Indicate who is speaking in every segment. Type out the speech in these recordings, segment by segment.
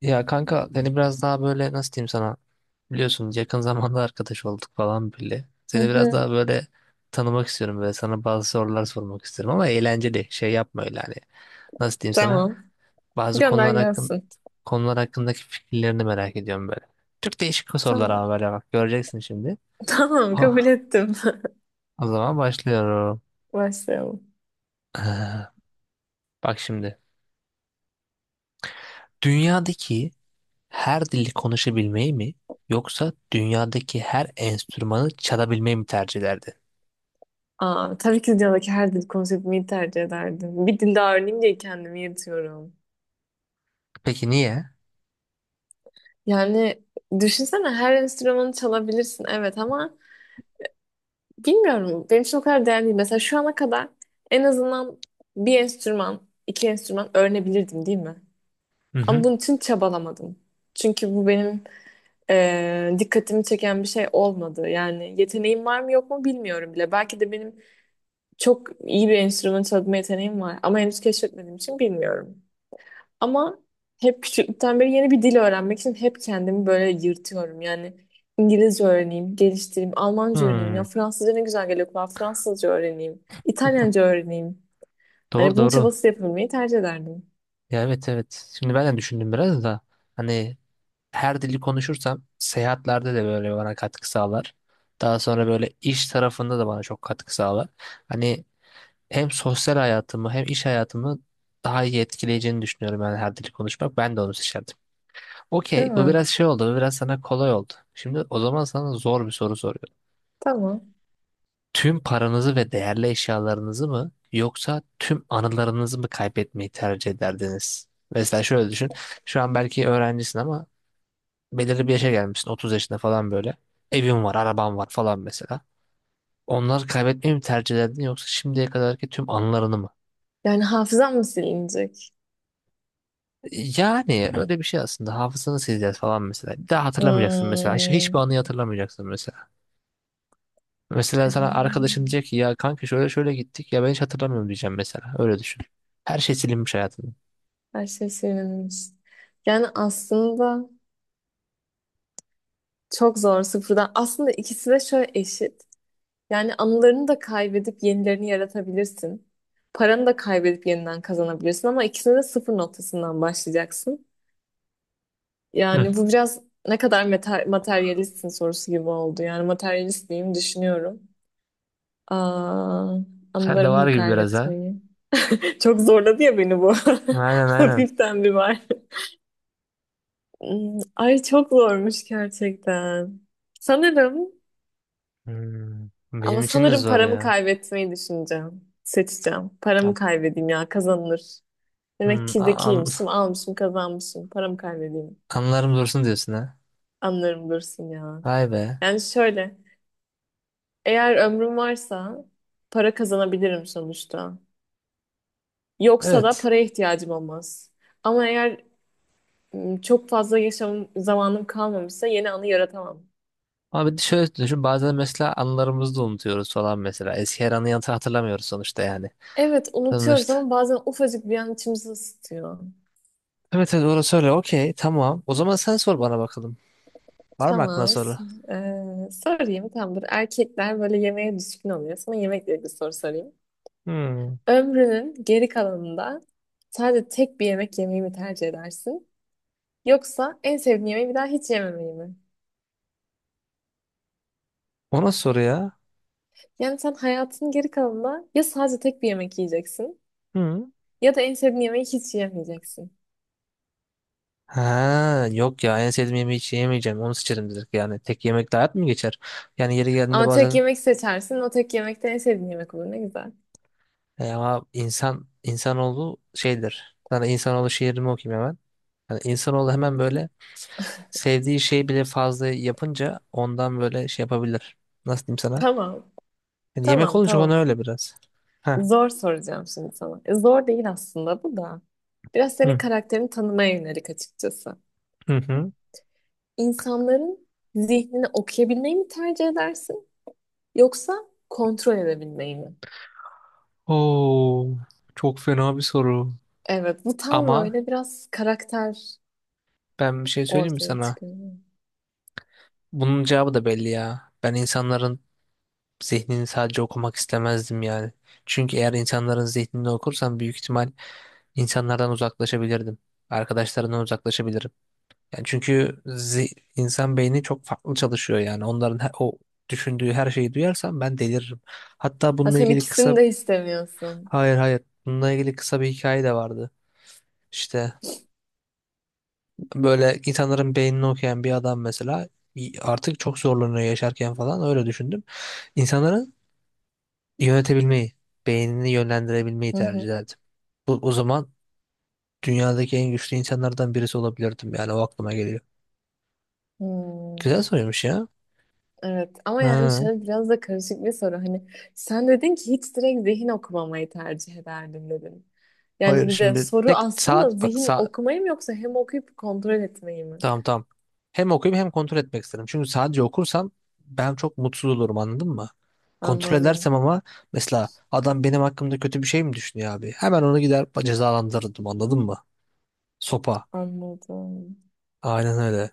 Speaker 1: Ya kanka seni biraz daha böyle nasıl diyeyim sana biliyorsun yakın zamanda arkadaş olduk falan bile.
Speaker 2: Hı
Speaker 1: Seni biraz daha
Speaker 2: hı.
Speaker 1: böyle tanımak istiyorum böyle sana bazı sorular sormak istiyorum ama eğlenceli şey yapma öyle hani nasıl diyeyim sana
Speaker 2: Tamam.
Speaker 1: bazı
Speaker 2: Gönder
Speaker 1: konular hakkın
Speaker 2: gelsin.
Speaker 1: konular hakkındaki fikirlerini merak ediyorum böyle. Çok değişik sorular
Speaker 2: Tamam.
Speaker 1: ama böyle bak göreceksin şimdi.
Speaker 2: Tamam kabul
Speaker 1: Oh,
Speaker 2: ettim.
Speaker 1: o zaman başlıyorum.
Speaker 2: Başlayalım.
Speaker 1: Ee, Bak şimdi dünyadaki her dili konuşabilmeyi mi yoksa dünyadaki her enstrümanı çalabilmeyi mi tercih ederdin?
Speaker 2: Aa, tabii ki dünyadaki her dil konseptimi tercih ederdim. Bir dilde öğreneyim diye kendimi yırtıyorum.
Speaker 1: Peki niye?
Speaker 2: Yani düşünsene her enstrümanı çalabilirsin evet ama bilmiyorum benim için o kadar değerli değil. Mesela şu ana kadar en azından bir enstrüman, iki enstrüman öğrenebilirdim değil mi?
Speaker 1: Hı
Speaker 2: Ama
Speaker 1: hı.
Speaker 2: bunun için çabalamadım. Çünkü bu benim dikkatimi çeken bir şey olmadı. Yani yeteneğim var mı yok mu bilmiyorum bile. Belki de benim çok iyi bir enstrüman çalma yeteneğim var ama henüz keşfetmediğim için bilmiyorum. Ama hep küçüklükten beri yeni bir dil öğrenmek için hep kendimi böyle yırtıyorum. Yani İngilizce öğreneyim, geliştireyim, Almanca öğreneyim, ya
Speaker 1: Hmm,
Speaker 2: Fransızca ne güzel geliyor kulağa, Fransızca öğreneyim, İtalyanca öğreneyim.
Speaker 1: doğru
Speaker 2: Hani bunun
Speaker 1: doğru.
Speaker 2: çabası yapabilmeyi tercih ederdim.
Speaker 1: Ya evet evet. Şimdi ben de düşündüm biraz da hani her dili konuşursam seyahatlerde de böyle bana katkı sağlar. Daha sonra böyle iş tarafında da bana çok katkı sağlar. Hani hem sosyal hayatımı hem iş hayatımı daha iyi etkileyeceğini düşünüyorum yani her dili konuşmak. Ben de onu seçerdim.
Speaker 2: Değil
Speaker 1: Okey, bu
Speaker 2: mi?
Speaker 1: biraz şey oldu, bu biraz sana kolay oldu. Şimdi o zaman sana zor bir soru soruyorum.
Speaker 2: Tamam.
Speaker 1: Tüm paranızı ve değerli eşyalarınızı mı yoksa tüm anılarınızı mı kaybetmeyi tercih ederdiniz? Mesela şöyle düşün. Şu an belki öğrencisin ama belirli bir yaşa gelmişsin, 30 yaşında falan böyle. Evin var, araban var falan mesela. Onları kaybetmeyi mi tercih ederdin yoksa şimdiye kadarki tüm anılarını mı?
Speaker 2: Yani hafızam mı silinecek?
Speaker 1: Yani öyle bir şey aslında. Hafızanı sileceğiz falan mesela. Bir daha hatırlamayacaksın mesela. Hiçbir
Speaker 2: Hmm.
Speaker 1: anıyı hatırlamayacaksın mesela. Mesela sana arkadaşın diyecek ki ya kanka şöyle şöyle gittik ya ben hiç hatırlamıyorum diyeceğim mesela. Öyle düşün. Her şey silinmiş hayatında.
Speaker 2: Her şey silinmiş. Yani aslında çok zor sıfırdan. Aslında ikisi de şöyle eşit. Yani anılarını da kaybedip yenilerini yaratabilirsin. Paranı da kaybedip yeniden kazanabilirsin ama ikisine de sıfır noktasından başlayacaksın.
Speaker 1: Hı.
Speaker 2: Yani bu biraz ne kadar materyalistsin sorusu gibi oldu. Yani materyalist miyim düşünüyorum. Aa,
Speaker 1: Sen de
Speaker 2: anılarımı
Speaker 1: var
Speaker 2: mı
Speaker 1: gibi biraz ha.
Speaker 2: kaybetmeyi? Çok zorladı ya beni bu.
Speaker 1: Aynen aynen.
Speaker 2: Hafiften bir var. Hmm, ay çok zormuş gerçekten. Sanırım
Speaker 1: Hmm,
Speaker 2: ama
Speaker 1: benim için de
Speaker 2: sanırım
Speaker 1: zor
Speaker 2: paramı
Speaker 1: ya.
Speaker 2: kaybetmeyi düşüneceğim. Seçeceğim.
Speaker 1: Ha,
Speaker 2: Paramı kaybedeyim ya kazanılır. Demek
Speaker 1: hmm,
Speaker 2: ki zekiymişim, almışım, kazanmışım. Param kaybedeyim.
Speaker 1: anılarım dursun diyorsun ha.
Speaker 2: Anlarım dursun ya.
Speaker 1: Vay be.
Speaker 2: Yani şöyle, eğer ömrüm varsa para kazanabilirim sonuçta. Yoksa da
Speaker 1: Evet.
Speaker 2: paraya ihtiyacım olmaz. Ama eğer çok fazla yaşam zamanım kalmamışsa yeni anı yaratamam.
Speaker 1: Ama bir de şöyle düşün bazen mesela anılarımızı da unutuyoruz falan mesela. Eski her anı yantı hatırlamıyoruz sonuçta yani.
Speaker 2: Evet, unutuyoruz
Speaker 1: Sonuçta.
Speaker 2: ama bazen ufacık bir an içimizi ısıtıyor.
Speaker 1: Evet evet orası öyle. Okey tamam. O zaman sen sor bana bakalım. Var mı aklına
Speaker 2: Tamam.
Speaker 1: soru?
Speaker 2: Sorayım. Tamam, dur. Erkekler böyle yemeğe düşkün oluyor. Sana yemekle ilgili soru sorayım.
Speaker 1: Hmm.
Speaker 2: Ömrünün geri kalanında sadece tek bir yemek yemeyi mi tercih edersin? Yoksa en sevdiğin yemeği bir daha hiç yememeyi mi?
Speaker 1: O nasıl soru ya?
Speaker 2: Yani sen hayatının geri kalanında ya sadece tek bir yemek yiyeceksin
Speaker 1: Hmm.
Speaker 2: ya da en sevdiğin yemeği hiç yemeyeceksin.
Speaker 1: Ha yok ya en sevdiğim yemeği hiç yemeyeceğim onu seçerim dedik yani tek yemekle hayat mı geçer? Yani yeri geldiğinde
Speaker 2: Ama tek
Speaker 1: bazen
Speaker 2: yemek seçersin. O tek yemek de en sevdiğin yemek olur. Ne güzel.
Speaker 1: ama insan insanoğlu şeydir. Sana insanoğlu şiirimi okuyayım hemen. Yani insanoğlu hemen böyle sevdiği şey bile fazla yapınca ondan böyle şey yapabilir. Nasıl diyeyim sana?
Speaker 2: Tamam.
Speaker 1: Yani yemek
Speaker 2: Tamam,
Speaker 1: olunca ona
Speaker 2: tamam.
Speaker 1: öyle biraz. Ha.
Speaker 2: Zor soracağım şimdi sana. Zor değil aslında bu da. Biraz senin
Speaker 1: Hı.
Speaker 2: karakterini tanımaya yönelik açıkçası.
Speaker 1: Hı hı.
Speaker 2: İnsanların zihnini okuyabilmeyi mi tercih edersin? Yoksa kontrol edebilmeyi mi?
Speaker 1: Oo, çok fena bir soru.
Speaker 2: Evet, bu tam
Speaker 1: Ama
Speaker 2: böyle biraz karakter
Speaker 1: ben bir şey söyleyeyim mi
Speaker 2: ortaya
Speaker 1: sana?
Speaker 2: çıkıyor.
Speaker 1: Bunun cevabı da belli ya. Ben insanların zihnini sadece okumak istemezdim yani. Çünkü eğer insanların zihnini okursam büyük ihtimal insanlardan uzaklaşabilirdim. Arkadaşlarından uzaklaşabilirim. Yani çünkü insan beyni çok farklı çalışıyor yani. Onların o düşündüğü her şeyi duyarsam ben deliririm. Hatta
Speaker 2: Ha,
Speaker 1: bununla
Speaker 2: sen
Speaker 1: ilgili
Speaker 2: ikisini
Speaker 1: kısa
Speaker 2: de istemiyorsun.
Speaker 1: hayır hayır bununla ilgili kısa bir hikaye de vardı. İşte böyle insanların beynini okuyan bir adam mesela artık çok zorlanıyor yaşarken falan öyle düşündüm. İnsanların yönetebilmeyi, beynini yönlendirebilmeyi
Speaker 2: Hı
Speaker 1: tercih
Speaker 2: hı.
Speaker 1: ederdim. Bu, o zaman dünyadaki en güçlü insanlardan birisi olabilirdim yani o aklıma geliyor. Güzel
Speaker 2: Hmm,
Speaker 1: soruymuş ya.
Speaker 2: evet ama yani
Speaker 1: Ha,
Speaker 2: şöyle biraz da karışık bir soru. Hani sen dedin ki hiç direkt zihin okumamayı tercih ederdim dedin.
Speaker 1: hayır
Speaker 2: Yani bir de
Speaker 1: şimdi
Speaker 2: soru
Speaker 1: tek
Speaker 2: aslında
Speaker 1: saat bak
Speaker 2: zihin
Speaker 1: saat
Speaker 2: okumayı mı yoksa hem okuyup kontrol etmeyi mi?
Speaker 1: tamam tamam. Hem okuyup hem kontrol etmek isterim. Çünkü sadece okursam ben çok mutsuz olurum anladın mı? Kontrol
Speaker 2: Anladım.
Speaker 1: edersem ama mesela adam benim hakkımda kötü bir şey mi düşünüyor abi? Hemen onu gider cezalandırırdım anladın mı? Sopa.
Speaker 2: Anladım.
Speaker 1: Aynen öyle.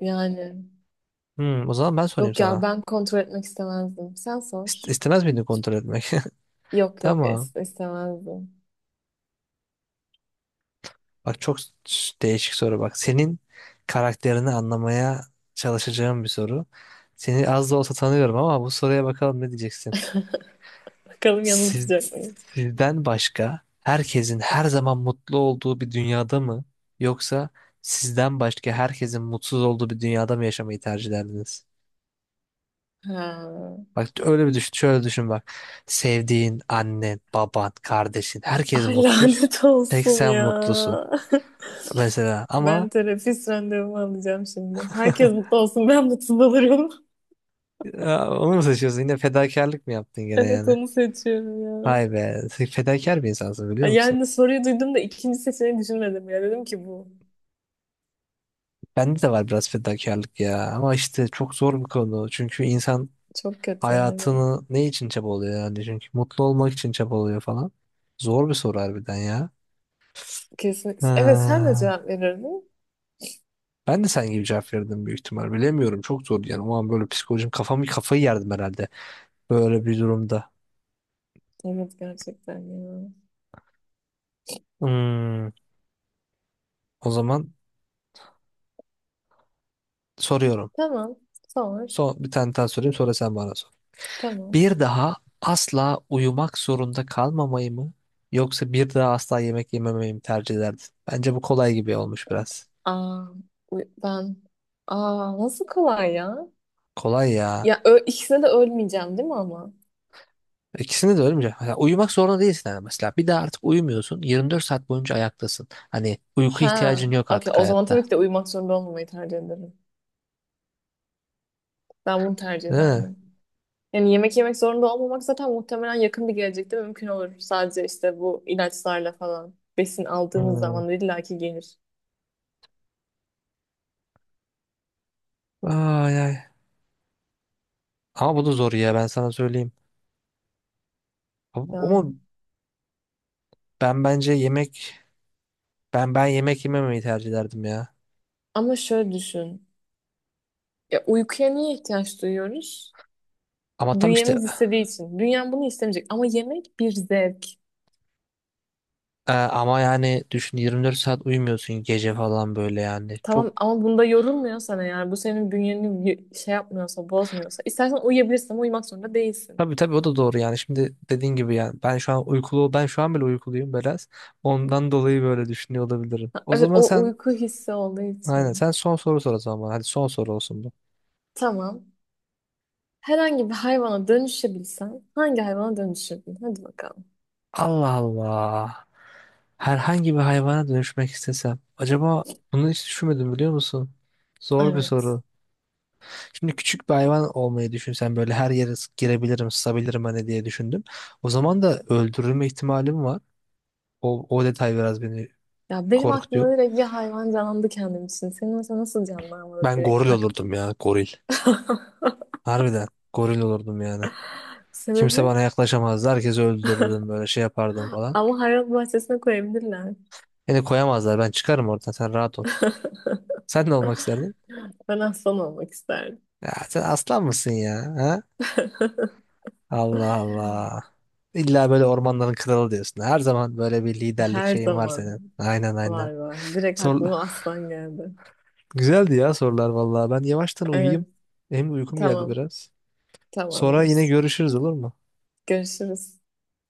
Speaker 2: Yani
Speaker 1: Hmm, o zaman ben sorayım
Speaker 2: yok ya
Speaker 1: sana.
Speaker 2: ben kontrol etmek istemezdim. Sen sor.
Speaker 1: İstemez miydin kontrol etmek?
Speaker 2: Yok yok
Speaker 1: Tamam.
Speaker 2: istemezdim.
Speaker 1: Bak çok değişik soru bak. Senin karakterini anlamaya çalışacağım bir soru. Seni az da olsa tanıyorum ama bu soruya bakalım ne diyeceksin.
Speaker 2: Bakalım
Speaker 1: Siz,
Speaker 2: yanıltacak mıyım?
Speaker 1: sizden başka herkesin her zaman mutlu olduğu bir dünyada mı yoksa sizden başka herkesin mutsuz olduğu bir dünyada mı yaşamayı tercih ederdiniz?
Speaker 2: Ha.
Speaker 1: Bak öyle bir düşün, şöyle düşün bak. Sevdiğin annen, baban, kardeşin herkes
Speaker 2: Ay
Speaker 1: mutsuz.
Speaker 2: lanet
Speaker 1: Tek
Speaker 2: olsun
Speaker 1: sen
Speaker 2: ya.
Speaker 1: mutlusun mesela ama
Speaker 2: Ben terapist randevumu alacağım şimdi. Herkes mutlu olsun ben mutsuz olurum.
Speaker 1: ya, onu mu seçiyorsun? Yine fedakarlık mı yaptın gene
Speaker 2: Evet
Speaker 1: yani?
Speaker 2: onu seçiyorum ya.
Speaker 1: Vay be. Sen fedakar bir insansın biliyor
Speaker 2: Ay,
Speaker 1: musun?
Speaker 2: yani soruyu duydum da ikinci seçeneği düşünmedim ya. Dedim ki bu
Speaker 1: Bende de var biraz fedakarlık ya. Ama işte çok zor bir konu. Çünkü insan
Speaker 2: çok kötü yani.
Speaker 1: hayatını ne için çabalıyor yani? Çünkü mutlu olmak için çabalıyor falan. Zor bir soru harbiden ya.
Speaker 2: Kesin. Evet sen de
Speaker 1: Ha,
Speaker 2: cevap verirdin.
Speaker 1: ben de sen gibi cevap verdim büyük ihtimal. Bilemiyorum. Çok zor yani. O an böyle psikolojim kafamı kafayı yerdim herhalde. Böyle bir durumda.
Speaker 2: Evet gerçekten ya.
Speaker 1: Hmm, o zaman soruyorum.
Speaker 2: Tamam. Sor.
Speaker 1: Son, bir tane daha sorayım sonra sen bana sor.
Speaker 2: Tamam.
Speaker 1: Bir daha asla uyumak zorunda kalmamayı mı yoksa bir daha asla yemek yememeyi mi tercih ederdin? Bence bu kolay gibi olmuş biraz.
Speaker 2: Aa, ben nasıl kolay ya?
Speaker 1: Kolay ya.
Speaker 2: Ya ikisine de ölmeyeceğim değil mi ama?
Speaker 1: İkisini de ölmeyecek. Mesela uyumak zorunda değilsin yani mesela. Bir daha artık uyumuyorsun. 24 saat boyunca ayaktasın. Hani uyku
Speaker 2: Ha,
Speaker 1: ihtiyacın yok
Speaker 2: okey.
Speaker 1: artık
Speaker 2: O zaman tabii
Speaker 1: hayatta.
Speaker 2: ki de uyumak zorunda olmamayı tercih ederim. Ben bunu tercih
Speaker 1: Değil mi?
Speaker 2: ederdim. Yani yemek yemek zorunda olmamak zaten muhtemelen yakın bir gelecekte mümkün olur. Sadece işte bu ilaçlarla falan besin aldığımız
Speaker 1: Hmm.
Speaker 2: zaman illaki gelir.
Speaker 1: Ay ay. Ama bu da zor ya ben sana söyleyeyim. Ama
Speaker 2: Ya.
Speaker 1: ben bence yemek ben yemek yememeyi tercih ederdim ya.
Speaker 2: Ama şöyle düşün. Ya uykuya niye ihtiyaç duyuyoruz?
Speaker 1: Ama tam işte
Speaker 2: Bünyemiz istediği için. Dünya bunu istemeyecek. Ama yemek bir zevk.
Speaker 1: Ama yani düşün 24 saat uyumuyorsun gece falan böyle yani.
Speaker 2: Tamam
Speaker 1: Çok
Speaker 2: ama bunda yorulmuyorsan eğer bu senin bünyeni şey yapmıyorsa bozmuyorsa istersen uyuyabilirsin ama uyumak zorunda değilsin.
Speaker 1: tabii tabii o da doğru yani. Şimdi dediğin gibi yani ben şu an bile uykuluyum biraz. Ondan dolayı böyle düşünüyor olabilirim.
Speaker 2: Ha,
Speaker 1: O
Speaker 2: evet
Speaker 1: zaman
Speaker 2: o
Speaker 1: sen
Speaker 2: uyku hissi olduğu
Speaker 1: aynen
Speaker 2: için.
Speaker 1: sen son soru sor o zaman. Bana. Hadi son soru olsun bu.
Speaker 2: Tamam. Herhangi bir hayvana dönüşebilsen hangi hayvana dönüşürdün? Hadi bakalım.
Speaker 1: Allah Allah. Herhangi bir hayvana dönüşmek istesem. Acaba bunu hiç düşünmedim biliyor musun? Zor bir
Speaker 2: Evet.
Speaker 1: soru. Şimdi küçük bir hayvan olmayı düşünsen böyle her yere girebilirim, sızabilirim hani diye düşündüm. O zaman da öldürülme ihtimalim var. O detay biraz beni
Speaker 2: Ya benim aklıma
Speaker 1: korkutuyor.
Speaker 2: direkt bir hayvan canlandı kendim için. Senin mesela nasıl canlanmadı
Speaker 1: Ben
Speaker 2: direkt
Speaker 1: goril
Speaker 2: tak.
Speaker 1: olurdum ya, goril. Harbiden goril olurdum yani. Kimse
Speaker 2: Sebebi?
Speaker 1: bana yaklaşamazdı. Herkesi öldürürdüm böyle şey yapardım falan.
Speaker 2: Ama hayvan bahçesine koyabilirler.
Speaker 1: Beni koyamazlar. Ben çıkarım oradan. Sen rahat ol. Sen ne olmak isterdin?
Speaker 2: Ben aslan olmak isterdim.
Speaker 1: Ya sen aslan mısın ya? Ha? Allah Allah. İlla böyle ormanların kralı diyorsun. Her zaman böyle bir liderlik
Speaker 2: Her
Speaker 1: şeyin var senin.
Speaker 2: zaman
Speaker 1: Aynen aynen.
Speaker 2: var var. Direkt
Speaker 1: Sor,
Speaker 2: aklıma aslan geldi.
Speaker 1: güzeldi ya sorular vallahi. Ben yavaştan uyuyayım.
Speaker 2: Evet,
Speaker 1: Hem uykum geldi
Speaker 2: tamam,
Speaker 1: biraz. Sonra yine
Speaker 2: tamamdır.
Speaker 1: görüşürüz olur mu?
Speaker 2: Görüşürüz.